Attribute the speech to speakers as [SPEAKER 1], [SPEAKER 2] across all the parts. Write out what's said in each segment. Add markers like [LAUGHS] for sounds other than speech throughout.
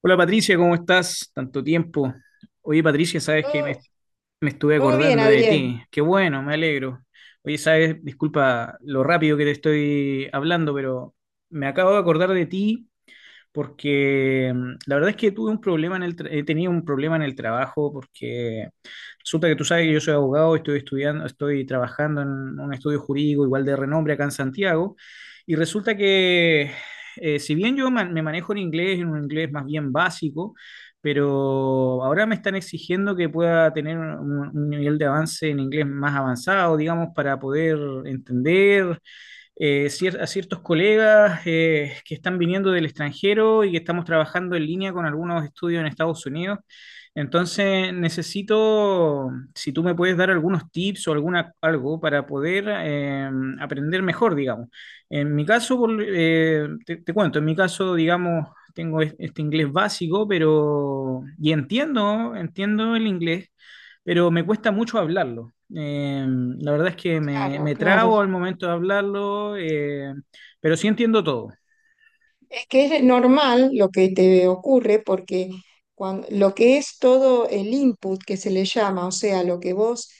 [SPEAKER 1] Hola Patricia, ¿cómo estás? Tanto tiempo. Oye Patricia, sabes que
[SPEAKER 2] Todo,
[SPEAKER 1] me estuve
[SPEAKER 2] todo bien,
[SPEAKER 1] acordando de
[SPEAKER 2] Adrián.
[SPEAKER 1] ti. Qué bueno, me alegro. Oye, sabes, disculpa lo rápido que te estoy hablando, pero me acabo de acordar de ti porque la verdad es que tuve un problema en he tenido un problema en el trabajo porque resulta que tú sabes que yo soy abogado, estoy estudiando, estoy trabajando en un estudio jurídico igual de renombre acá en Santiago y resulta que si bien me manejo en inglés, en un inglés más bien básico, pero ahora me están exigiendo que pueda tener un nivel de avance en inglés más avanzado, digamos, para poder entender a ciertos colegas que están viniendo del extranjero y que estamos trabajando en línea con algunos estudios en Estados Unidos. Entonces, necesito, si tú me puedes dar algunos tips o algo para poder aprender mejor, digamos. En mi caso, te cuento, en mi caso, digamos, este inglés básico, pero, y entiendo el inglés pero me cuesta mucho hablarlo. La verdad es que
[SPEAKER 2] Claro,
[SPEAKER 1] me
[SPEAKER 2] claro.
[SPEAKER 1] trabo al momento de hablarlo, pero sí entiendo todo.
[SPEAKER 2] Es que es normal lo que te ocurre porque cuando, lo que es todo el input que se le llama, o sea, lo que vos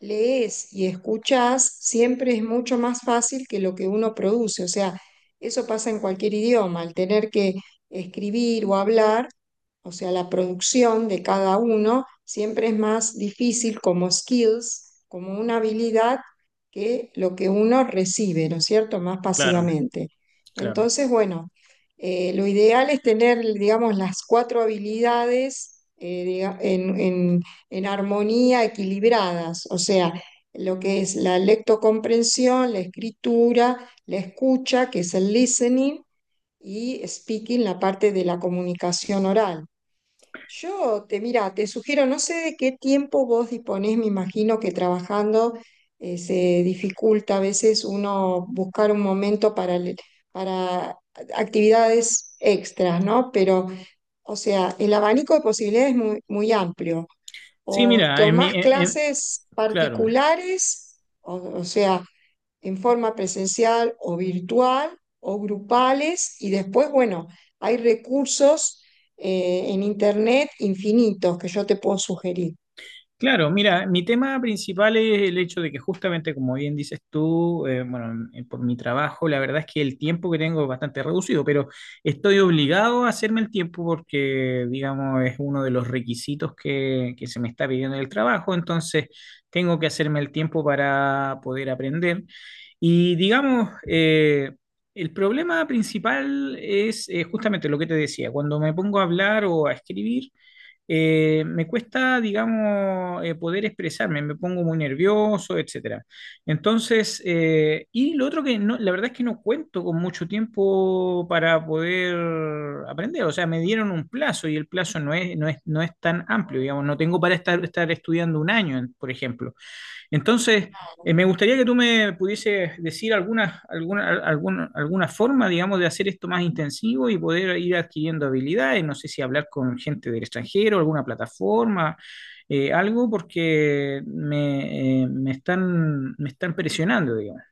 [SPEAKER 2] lees y escuchás, siempre es mucho más fácil que lo que uno produce. O sea, eso pasa en cualquier idioma, al tener que escribir o hablar, o sea, la producción de cada uno siempre es más difícil como skills, como una habilidad, que lo que uno recibe, ¿no es cierto? Más
[SPEAKER 1] Claro,
[SPEAKER 2] pasivamente.
[SPEAKER 1] claro.
[SPEAKER 2] Entonces, bueno. Lo ideal es tener, digamos, las cuatro habilidades en armonía, equilibradas, o sea, lo que es la lectocomprensión, la escritura, la escucha, que es el listening, y speaking, la parte de la comunicación oral. Yo te mira, te sugiero, no sé de qué tiempo vos disponés, me imagino que trabajando se dificulta a veces uno buscar un momento para, para actividades extras, ¿no? Pero, o sea, el abanico de posibilidades es muy, muy amplio.
[SPEAKER 1] Sí,
[SPEAKER 2] O
[SPEAKER 1] mira, en mi,
[SPEAKER 2] tomás
[SPEAKER 1] en-
[SPEAKER 2] clases
[SPEAKER 1] claro.
[SPEAKER 2] particulares, o sea, en forma presencial o virtual o grupales y después, bueno, hay recursos en Internet infinitos que yo te puedo sugerir.
[SPEAKER 1] Claro, mira, mi tema principal es el hecho de que justamente, como bien dices tú, por mi trabajo, la verdad es que el tiempo que tengo es bastante reducido, pero estoy obligado a hacerme el tiempo porque, digamos, es uno de los requisitos que se me está pidiendo en el trabajo, entonces tengo que hacerme el tiempo para poder aprender. Y, digamos, el problema principal es justamente lo que te decía, cuando me pongo a hablar o a escribir me cuesta, digamos, poder expresarme, me pongo muy nervioso, etcétera. Entonces, y lo otro que no, la verdad es que no cuento con mucho tiempo para poder aprender, o sea, me dieron un plazo y el plazo no es tan amplio, digamos, no tengo para estar estudiando un año, por ejemplo. Entonces, me gustaría que tú me pudieses decir alguna forma, digamos, de hacer esto más intensivo y poder ir adquiriendo habilidades. No sé si hablar con gente del extranjero, alguna plataforma, algo, porque me están presionando, digamos.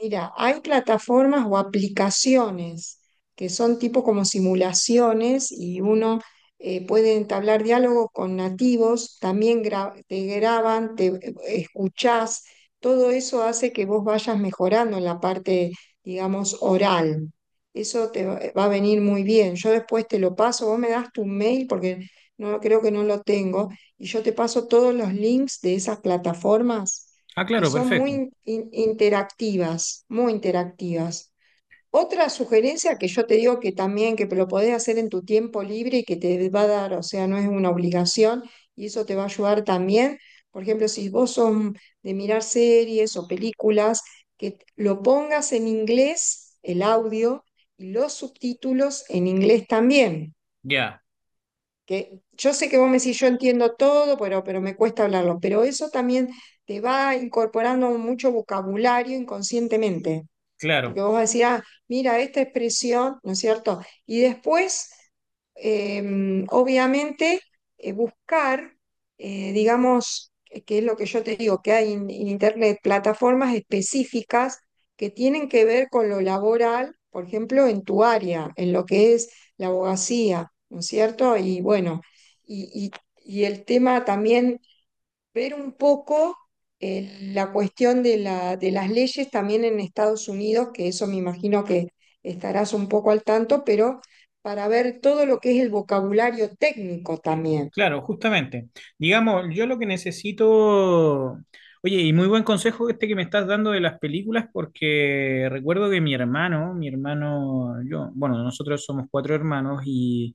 [SPEAKER 2] Mira, hay plataformas o aplicaciones que son tipo como simulaciones y uno puede entablar diálogo con nativos, también te graban, te escuchás, todo eso hace que vos vayas mejorando en la parte, digamos, oral. Eso te va a venir muy bien. Yo después te lo paso, vos me das tu mail porque no creo que no lo tengo y yo te paso todos los links de esas plataformas
[SPEAKER 1] Ah,
[SPEAKER 2] que
[SPEAKER 1] claro,
[SPEAKER 2] son muy
[SPEAKER 1] perfecto.
[SPEAKER 2] interactivas, muy interactivas. Otra sugerencia que yo te digo que también, que lo podés hacer en tu tiempo libre y que te va a dar, o sea, no es una obligación y eso te va a ayudar también, por ejemplo, si vos son de mirar series o películas, que lo pongas en inglés, el audio, y los subtítulos en inglés también
[SPEAKER 1] Ya,
[SPEAKER 2] que yo sé que vos me decís, yo entiendo todo, pero me cuesta hablarlo, pero eso también te va incorporando mucho vocabulario inconscientemente.
[SPEAKER 1] claro.
[SPEAKER 2] Porque vos decías, mira, esta expresión, ¿no es cierto? Y después, eh, obviamente, buscar, digamos, que es lo que yo te digo, que hay en Internet plataformas específicas que tienen que ver con lo laboral, por ejemplo, en tu área, en lo que es la abogacía, ¿no es cierto? Y bueno, y, y- y el tema también ver un poco la cuestión de la, de las leyes también en Estados Unidos, que eso me imagino que estarás un poco al tanto, pero para ver todo lo que es el vocabulario técnico también.
[SPEAKER 1] Claro, justamente. Digamos, yo lo que necesito, oye, y muy buen consejo este que me estás dando de las películas, porque recuerdo que mi hermano, yo, bueno, nosotros somos cuatro hermanos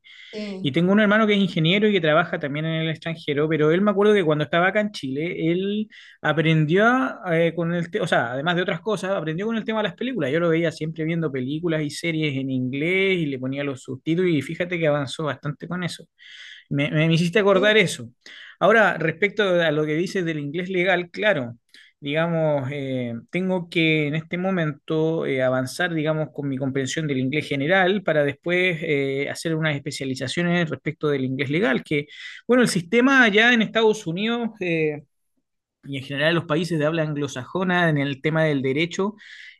[SPEAKER 1] y
[SPEAKER 2] Sí,
[SPEAKER 1] tengo un hermano que es ingeniero y que trabaja también en el extranjero, pero él me acuerdo que cuando estaba acá en Chile, él aprendió a, con el, te- o sea, además de otras cosas, aprendió con el tema de las películas. Yo lo veía siempre viendo películas y series en inglés y le ponía los subtítulos y fíjate que avanzó bastante con eso. Me hiciste acordar
[SPEAKER 2] sí,
[SPEAKER 1] eso. Ahora, respecto a lo que dices del inglés legal, claro, digamos, tengo que en este momento avanzar, digamos, con mi comprensión del inglés general para después hacer unas especializaciones respecto del inglés legal, que, bueno, el sistema allá en Estados Unidos y en general los países de habla anglosajona en el tema del derecho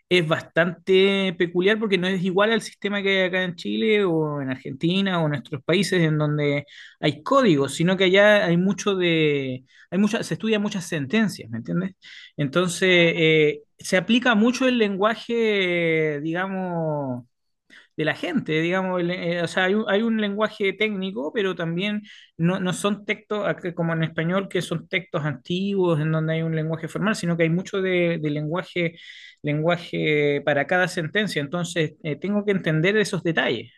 [SPEAKER 1] es bastante peculiar porque no es igual al sistema que hay acá en Chile o en Argentina o en nuestros países en donde hay códigos, sino que allá hay mucha, se estudian muchas sentencias, ¿me entiendes? Entonces, se aplica mucho el lenguaje, digamos, de la gente, digamos, o sea, hay un lenguaje técnico, pero también no, no son textos como en español, que son textos antiguos en donde hay un lenguaje formal, sino que hay mucho de lenguaje, lenguaje para cada sentencia, entonces tengo que entender esos detalles.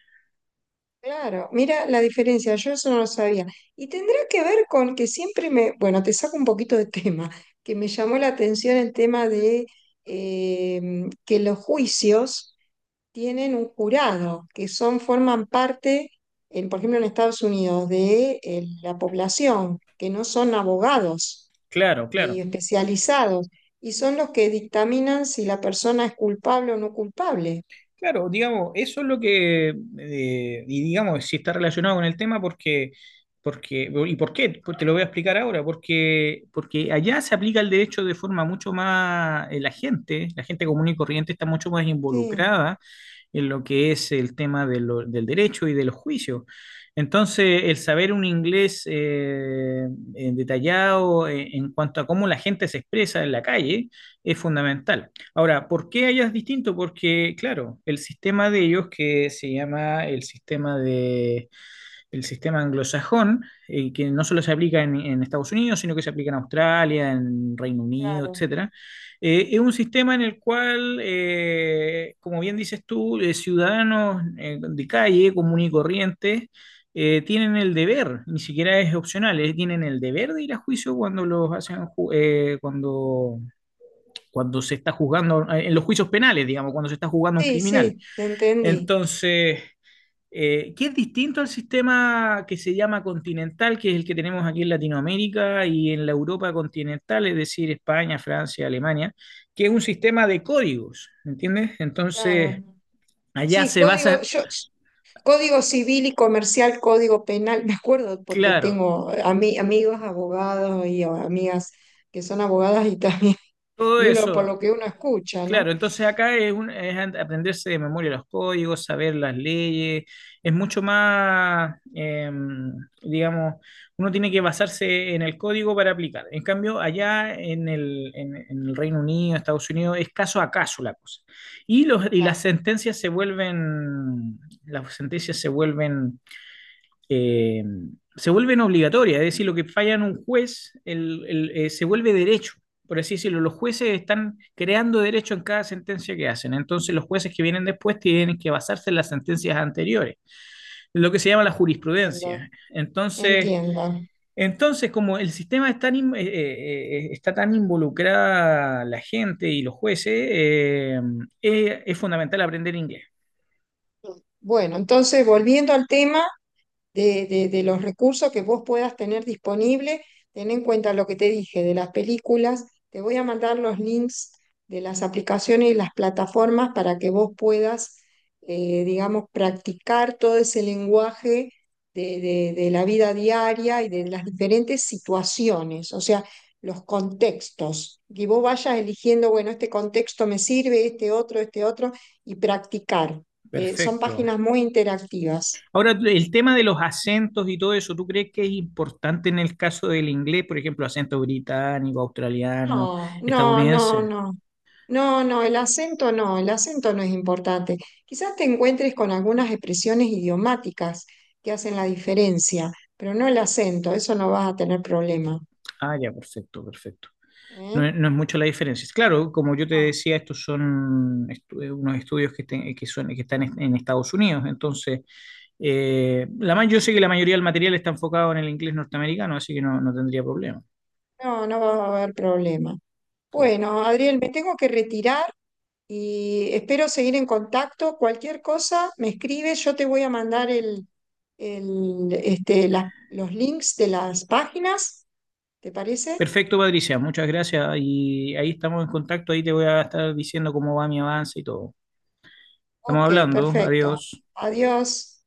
[SPEAKER 2] claro. Mira la diferencia, yo eso no lo sabía. Y tendrá que ver con que siempre me, bueno, te saco un poquito de tema, que me llamó la atención el tema de eh, que los juicios tienen un jurado, que son, forman parte, en, por ejemplo, en Estados Unidos, de la población, que no son abogados
[SPEAKER 1] Claro,
[SPEAKER 2] ni
[SPEAKER 1] claro.
[SPEAKER 2] especializados, y son los que dictaminan si la persona es culpable o no culpable.
[SPEAKER 1] Claro, digamos, eso es lo que, y digamos, si está relacionado con el tema, porque, porque, ¿y por qué? Pues te lo voy a explicar ahora, porque, porque allá se aplica el derecho de forma mucho más, la gente común y corriente está mucho más
[SPEAKER 2] Sí,
[SPEAKER 1] involucrada en lo que es el tema de del derecho y de los juicios. Entonces, el saber un inglés detallado en cuanto a cómo la gente se expresa en la calle es fundamental. Ahora, ¿por qué allá es distinto? Porque, claro, el sistema de ellos que se llama el sistema de el sistema anglosajón, que no solo se aplica en Estados Unidos, sino que se aplica en Australia, en Reino Unido,
[SPEAKER 2] claro.
[SPEAKER 1] etcétera. Es un sistema en el cual, como bien dices tú, ciudadanos de calle, común y corriente, tienen el deber, ni siquiera es opcional, tienen el deber de ir a juicio cuando los hacen ju- cuando, cuando se está juzgando, en los juicios penales, digamos, cuando se está juzgando a un
[SPEAKER 2] Sí,
[SPEAKER 1] criminal.
[SPEAKER 2] sí, te entendí.
[SPEAKER 1] Entonces, que es distinto al sistema que se llama continental, que es el que tenemos aquí en Latinoamérica y en la Europa continental, es decir, España, Francia, Alemania, que es un sistema de códigos, ¿entiendes? Entonces,
[SPEAKER 2] Claro.
[SPEAKER 1] allá
[SPEAKER 2] Sí,
[SPEAKER 1] se
[SPEAKER 2] código,
[SPEAKER 1] basa,
[SPEAKER 2] yo, código civil y comercial, código penal, [LAUGHS] me acuerdo porque
[SPEAKER 1] claro,
[SPEAKER 2] tengo amigos abogados y amigas que son abogadas y también,
[SPEAKER 1] todo
[SPEAKER 2] y uno por
[SPEAKER 1] eso.
[SPEAKER 2] lo que uno escucha, ¿no?
[SPEAKER 1] Claro, entonces acá es aprenderse de memoria los códigos, saber las leyes, es mucho más, digamos, uno tiene que basarse en el código para aplicar. En cambio, allá en el Reino Unido, Estados Unidos, es caso a caso la cosa. Y las sentencias se vuelven eh, se vuelven obligatorias, es decir, lo que falla en un juez se vuelve derecho, por así decirlo. Los jueces están creando derecho en cada sentencia que hacen, entonces los jueces que vienen después tienen que basarse en las sentencias anteriores, lo que se llama la
[SPEAKER 2] Entiendo,
[SPEAKER 1] jurisprudencia. Entonces,
[SPEAKER 2] entiendo.
[SPEAKER 1] entonces como el sistema está tan involucrada la gente y los jueces, es fundamental aprender inglés.
[SPEAKER 2] Bueno, entonces volviendo al tema, de, de los recursos que vos puedas tener disponible. Ten en cuenta lo que te dije de las películas. Te voy a mandar los links de las aplicaciones y las plataformas para que vos puedas, digamos, practicar todo ese lenguaje de, de la vida diaria y de las diferentes situaciones, o sea, los contextos. Y vos vayas eligiendo, bueno, este contexto me sirve, este otro, y practicar, que son
[SPEAKER 1] Perfecto.
[SPEAKER 2] páginas muy interactivas.
[SPEAKER 1] Ahora, el tema de los acentos y todo eso, ¿tú crees que es importante en el caso del inglés, por ejemplo, acento británico, australiano,
[SPEAKER 2] No, no, no,
[SPEAKER 1] estadounidense?
[SPEAKER 2] no. No, no, el acento no, el acento no es importante. Quizás te encuentres con algunas expresiones idiomáticas que hacen la diferencia, pero no el acento, eso no vas a tener problema.
[SPEAKER 1] Ah, ya, perfecto, perfecto. No,
[SPEAKER 2] ¿Eh?
[SPEAKER 1] es no es mucho la diferencia. Claro, como yo te
[SPEAKER 2] No,
[SPEAKER 1] decía, estos son unos estudios que, te- que, son, que están en Estados Unidos, entonces... Yo sé que la mayoría del material está enfocado en el inglés norteamericano, así que no, no tendría problema.
[SPEAKER 2] no, no va a haber problema.
[SPEAKER 1] Claro.
[SPEAKER 2] Bueno, Adriel, me tengo que retirar y espero seguir en contacto. Cualquier cosa, me escribes, yo te voy a mandar el, este, los links de las páginas, ¿te parece?
[SPEAKER 1] Perfecto, Patricia, muchas gracias. Y ahí estamos en contacto, ahí te voy a estar diciendo cómo va mi avance y todo. Estamos
[SPEAKER 2] Ok,
[SPEAKER 1] hablando,
[SPEAKER 2] perfecto.
[SPEAKER 1] adiós.
[SPEAKER 2] Adiós.